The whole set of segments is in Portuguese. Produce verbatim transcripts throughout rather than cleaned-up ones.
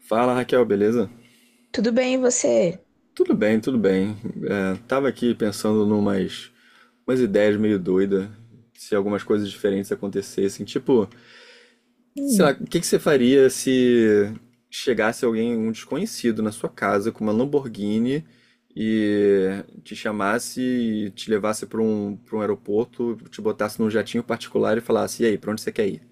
Fala Raquel, beleza? Tudo bem, e você? Tudo bem, tudo bem. É, tava aqui pensando numas umas ideias meio doidas, se algumas coisas diferentes acontecessem. Tipo, sei lá, Hum. o que que você faria se chegasse alguém, um desconhecido, na sua casa com uma Lamborghini e te chamasse e te levasse para um, para um aeroporto, te botasse num jatinho particular e falasse: E aí, pra onde você quer ir?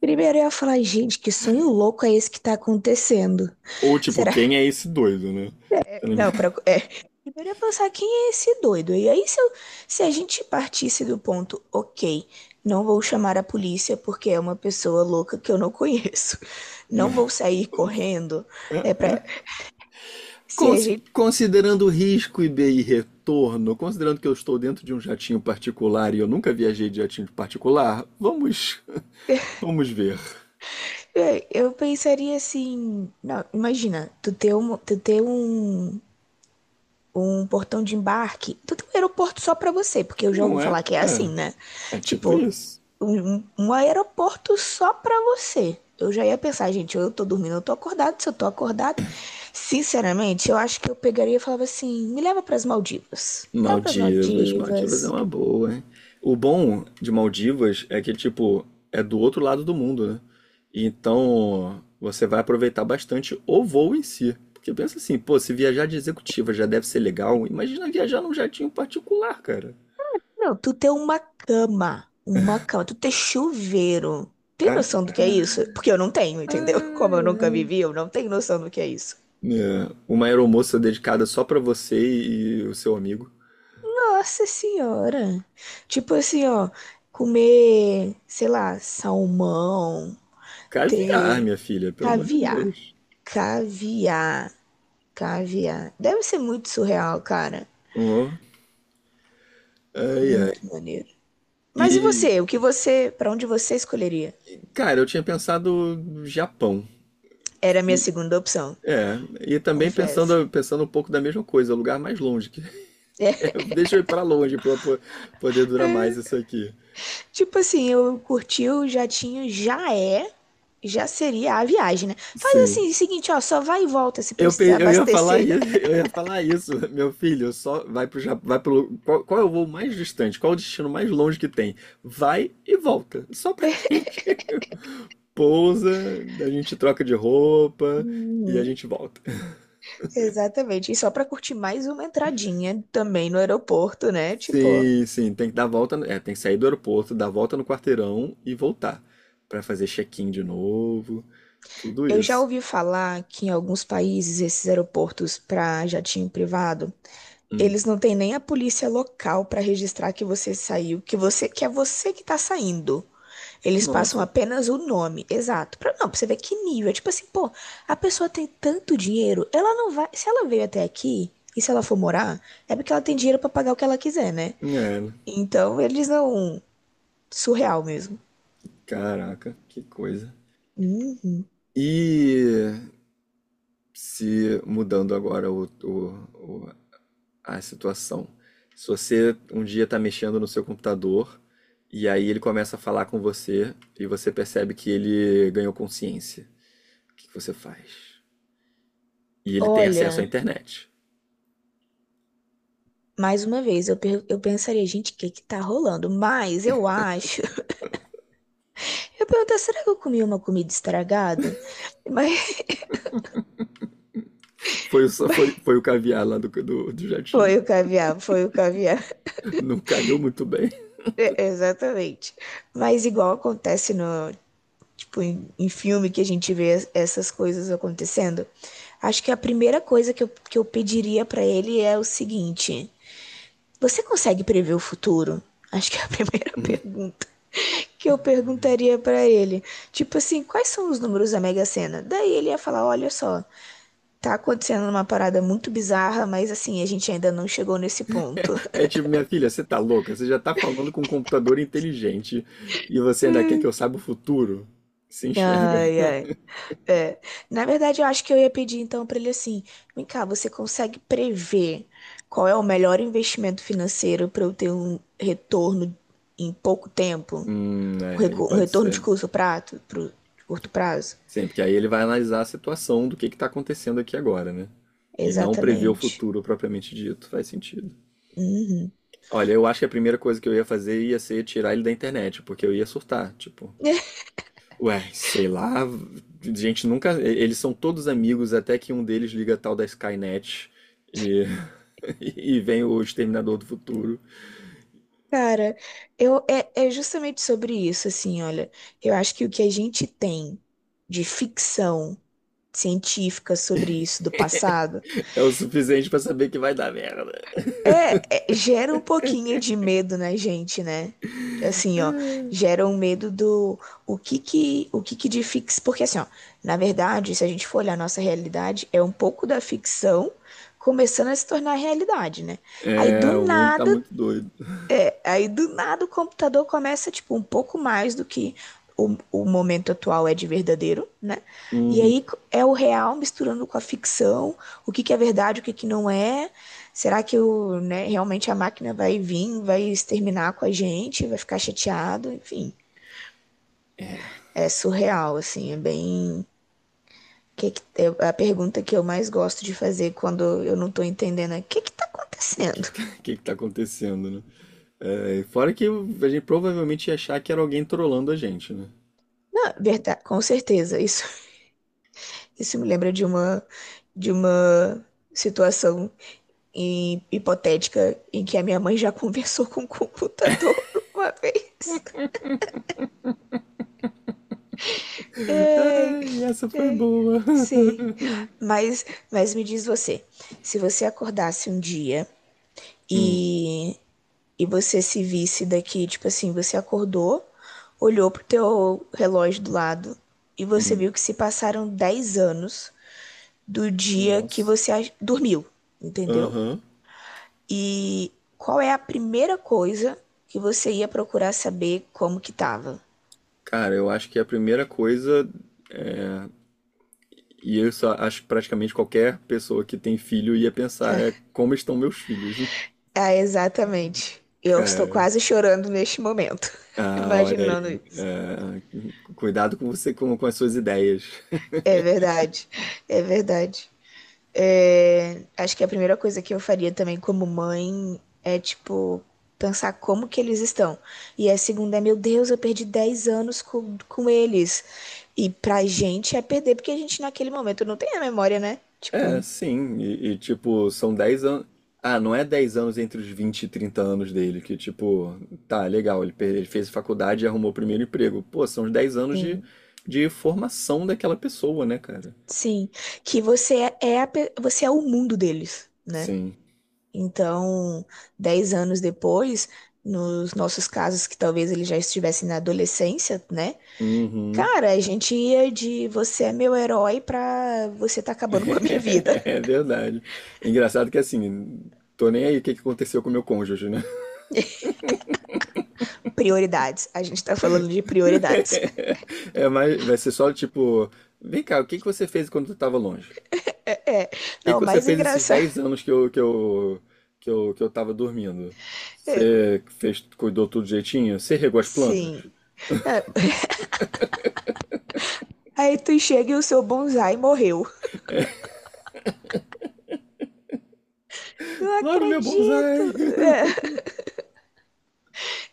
Primeiro eu ia falar, gente, que sonho louco é esse que tá acontecendo? Ou tipo, Será? quem é esse doido, né? Tá. Não, pra... é. Primeiro eu ia pensar, quem é esse doido? E aí, se, eu- se a gente partisse do ponto, ok, não vou chamar a polícia porque é uma pessoa louca que eu não conheço. Não vou sair correndo. É pra. Se a Consi- gente. Considerando risco e bem e retorno, considerando que eu estou dentro de um jatinho particular e eu nunca viajei de jatinho particular, vamos, vamos ver. É, eu pensaria assim. Não, imagina, tu ter um, tu ter um, um portão de embarque. Então tem um aeroporto só pra você, porque eu já Não ouvi é? falar que é assim, né? É, é tipo Tipo, isso. um, um um aeroporto só pra você. Eu já ia pensar, gente, eu tô dormindo, eu tô acordado. Se eu tô acordado, sinceramente, eu acho que eu pegaria e falava assim: me leva pras Maldivas. Me leva pras Maldivas, Maldivas é Maldivas. uma boa, hein? O bom de Maldivas é que, tipo, é do outro lado do mundo, né? Então, você vai aproveitar bastante o voo em si. Porque pensa assim, pô, se viajar de executiva já deve ser legal, imagina viajar num jatinho particular, cara. Não, tu ter uma cama. Uma cama, tu ter chuveiro. Tem É? noção do que é isso? Porque eu não tenho, entendeu? Como Ai, eu nunca ai. vivi, eu não tenho noção do que é isso. É, uma aeromoça dedicada só pra você e o seu amigo. Nossa senhora. Tipo assim, ó, comer, sei lá, salmão, Caviar, ter minha filha, pelo amor de caviar, Deus. caviar, caviar. Deve ser muito surreal, cara. Ó, ai, ai. Muito maneiro. Mas e E, você? O que você, pra onde você escolheria? cara, eu tinha pensado no Japão. Era a minha E, segunda opção, é, e também confesso. pensando, pensando um pouco da mesma coisa, lugar mais longe. Que- é, É, deixa eu ir pra longe pra po- poder durar mais isso aqui. tipo assim, eu curti o jatinho, já é, já seria a viagem, né? Faz Sim. assim, o seguinte, ó, só vai e volta se Eu, precisar pe- eu ia falar abastecer. isso, eu ia falar isso, meu filho, só vai pro Japão, vai pro, qual, qual é o voo mais distante? Qual é o destino mais longe que tem? Vai e volta, só pra gente pousa, a gente troca de roupa e a Uhum. gente volta. Exatamente. E só para curtir mais uma entradinha também no aeroporto, né? Tipo, Sim, sim, tem que dar a volta, é, tem que sair do aeroporto, dar a volta no quarteirão e voltar. Pra fazer check-in de novo, tudo eu já isso. ouvi falar que em alguns países esses aeroportos para jatinho privado, Hum. eles não têm nem a polícia local para registrar que você saiu, que você que é você que tá saindo. Eles passam Nossa, apenas o nome, exato. Pra, não, pra você ver que nível. É tipo assim, pô, a pessoa tem tanto dinheiro, ela não vai. Se ela veio até aqui e se ela for morar, é porque ela tem dinheiro para pagar o que ela quiser, né? é, né? Então, eles não. Surreal mesmo. Caraca, que coisa. Uhum. E se mudando agora o, o- o- a situação. Se você um dia está mexendo no seu computador e aí ele começa a falar com você e você percebe que ele ganhou consciência, o que que você faz? E ele tem acesso à Olha, internet. mais uma vez, eu, per- eu pensaria, gente, o que que tá rolando? Mas eu acho. Eu perguntei, será que eu comi uma comida estragada? Mas, Foi, o- foi, mas foi o caviar lá do, do, do foi jatinho. o caviar, foi o caviar. Não caiu muito bem. É, exatamente. Mas igual acontece no, tipo, em, em filme que a gente vê es- essas coisas acontecendo, acho que a primeira coisa que eu, que eu pediria pra ele é o seguinte: você consegue prever o futuro? Acho que é a primeira pergunta que eu perguntaria para ele, tipo assim, quais são os números da Mega Sena? Daí ele ia falar, olha só, tá acontecendo uma parada muito bizarra, mas assim, a gente ainda não chegou nesse ponto. É tipo, minha filha, você tá louca? Você já tá falando com um computador inteligente e você ainda quer que eu saiba o futuro? Se enxerga. Ai, ai. É. Na verdade, eu acho que eu ia pedir então para ele assim: vem cá, você consegue prever qual é o melhor investimento financeiro para eu ter um retorno em pouco tempo? Hum, Um é, aí recu- um pode retorno de ser. curto prazo? Pro, de curto prazo? Sim, porque aí ele vai analisar a situação do que que está acontecendo aqui agora, né? E não prever o Exatamente. futuro propriamente dito. Faz sentido. Uhum. Olha, eu acho que a primeira coisa que eu ia fazer ia ser tirar ele da internet, porque eu ia surtar. Tipo, ué, sei lá, gente nunca. Eles são todos amigos, até que um deles liga a tal da Skynet. E, e vem o Exterminador do Futuro. Cara, eu, é, é justamente sobre isso, assim, olha. Eu acho que o que a gente tem de ficção científica sobre isso do passado É o suficiente pra saber que vai dar merda. é, é- gera um pouquinho de medo na gente, né? Assim, ó, gera um medo do o que que, o que que de fix. Porque, assim, ó, na verdade, se a gente for olhar a nossa realidade, é um pouco da ficção começando a se tornar realidade, né? Aí, do É, o mundo tá nada, muito doido. Aí do nada o computador começa, tipo, um pouco mais do que o, o momento atual é de verdadeiro, né? E Uhum. aí é o real misturando com a ficção, o que que é verdade, o que que não é. Será que o, né, realmente a máquina vai vir, vai exterminar com a gente, vai ficar chateado, enfim. É surreal, assim, é bem. Que que- é a pergunta que eu mais gosto de fazer quando eu não tô entendendo é o que que tá O que que acontecendo? tá, que que tá acontecendo, né? É, fora que a gente provavelmente ia achar que era alguém trolando a gente, né? Não, verdade, com certeza, isso. Isso me lembra de uma, de uma situação hi- hipotética em que a minha mãe já conversou com o computador uma vez. Ai, Ai, essa foi ai, boa. sei. Mas, mas me diz você, se você acordasse um dia Hum, e, e você se visse daqui, tipo assim, você acordou, olhou pro teu relógio do lado e você hum. viu que se passaram dez anos do dia que Nossa. você a- dormiu, entendeu? Aham. E qual é a primeira coisa que você ia procurar saber como que tava? Cara, eu acho que a primeira coisa, e eu só acho que praticamente qualquer pessoa que tem filho ia pensar, é como estão meus filhos, né? Ah, exatamente. Eu estou Cara. quase chorando neste momento, Ah, olha imaginando aí. isso. Ah, cuidado com você, com, com as suas ideias. É verdade, é verdade. É, acho que a primeira coisa que eu faria também como mãe é, tipo, pensar como que eles estão. E a segunda é, meu Deus, eu perdi dez anos com, com eles. E pra gente é perder, porque a gente naquele momento não tem a memória, né? É, Tipo, sim. E, e, tipo, são dez anos. Ah, não é dez anos entre os vinte e trinta anos dele, que tipo, tá, legal, ele, pe- ele fez faculdade e arrumou o primeiro emprego. Pô, são os dez anos de, tem. de formação daquela pessoa, né, cara? Sim, que você é é a pe- você é o mundo deles, né? Sim. Então, dez anos depois, nos nossos casos que talvez eles já estivessem na adolescência, né? Uhum. Cara, a gente ia de você é meu herói pra você tá acabando com a minha vida. É verdade. Engraçado que assim, tô nem aí o que que aconteceu com o meu cônjuge, né? Prioridades. A gente tá falando de prioridades. É, mas vai ser só tipo, vem cá, o que que você fez quando tu tava longe? É, que não, que o você mais fez esses engraçado. dez anos que eu, que eu, que eu, que eu tava dormindo? é, Você fez, cuidou tudo direitinho? Você regou as plantas? sim. É, aí tu chega e o seu bonsai morreu. Não Logo meu acredito. bonsai! É.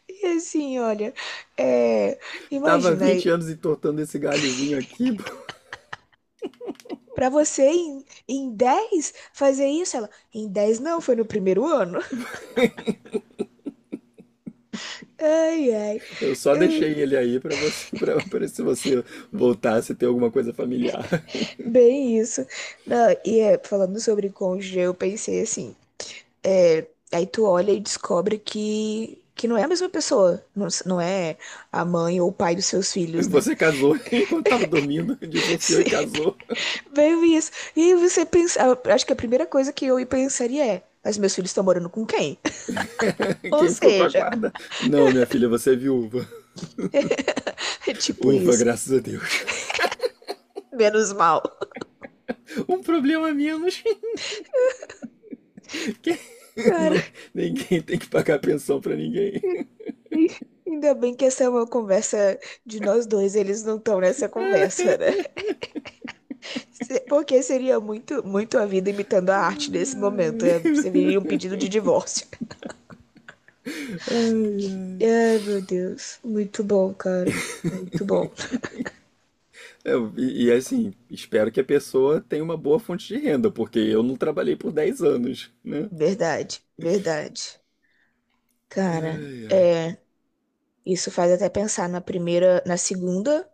E assim, olha, é, Tava imagina aí, vinte anos entortando esse galhozinho aqui. Pô. pra você em, em dez fazer isso, ela, em dez não, foi no primeiro ano. Ai, ai, Eu só hum, deixei ele aí pra você, pra, pra se você voltasse a ter alguma coisa familiar. bem isso. Não, e é, falando sobre cônjuge, eu pensei assim, é, aí tu olha e descobre que, que não é a mesma pessoa, não, s- não é a mãe ou o pai dos seus filhos, né? Você casou enquanto tava dormindo, divorciou e Sim, casou. bem isso. E aí você pensa, acho que a primeira coisa que eu pensaria é, mas meus filhos estão morando com quem? Ou Quem ficou com a seja, guarda? Não, minha filha, você é viúva. é tipo Ufa, isso. graças a Deus. Menos mal. Um problema a menos. Cara, Não, ninguém tem que pagar pensão pra ninguém. ainda bem que essa é uma conversa de nós dois, eles não estão nessa conversa, né? Porque seria muito, muito a vida imitando a arte nesse momento. É, seria um pedido de divórcio. Ai, ai. Ai, meu Deus. Muito bom, cara. Muito bom. Eu- e, e, assim, espero que a pessoa tenha uma boa fonte de renda, porque eu não trabalhei por dez anos, né? Verdade, verdade. Cara, Ai, ai. é. Isso faz até pensar na primeira, na segunda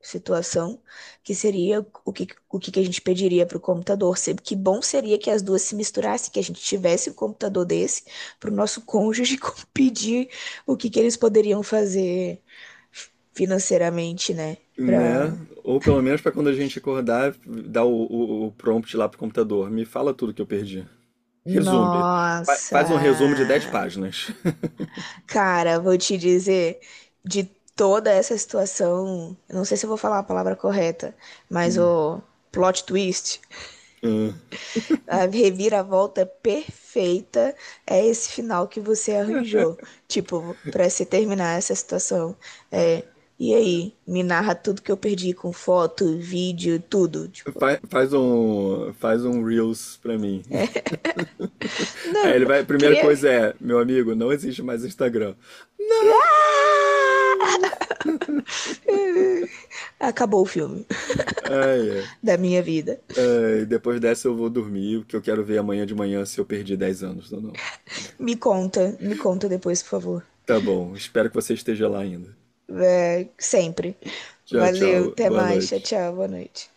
situação, que seria o que, o que que a gente pediria para o computador. Se- Que bom seria que as duas se misturassem, que a gente tivesse um computador desse para o nosso cônjuge com- pedir o que que eles poderiam fazer financeiramente, né? Né? Pra. Ou pelo menos pra quando a gente acordar, dar o, o- o prompt lá pro computador. Me fala tudo que eu perdi. Resume. Fa- Faz um resumo de Nossa! dez páginas. Cara, vou te dizer, de toda essa situação, eu não sei se eu vou falar a palavra correta, mas Hum. o plot twist. Ah. A reviravolta perfeita é esse final que você arranjou. Tipo, pra se terminar essa situação. É, e aí, me narra tudo que eu perdi com foto, vídeo, tudo. Tipo, Fa- Faz um, faz um Reels pra mim. Aí ele não, vai, a primeira queria. coisa é, meu amigo, não existe mais Instagram. Não! Acabou o filme Ai, ai. da minha vida. Ai, depois dessa eu vou dormir, porque eu quero ver amanhã de manhã se eu perdi dez anos ou não. Me conta, me conta depois, por favor. Tá bom, espero que você esteja lá ainda. É, sempre. Tchau, Valeu, tchau. até Boa mais. Tchau, noite. tchau, boa noite.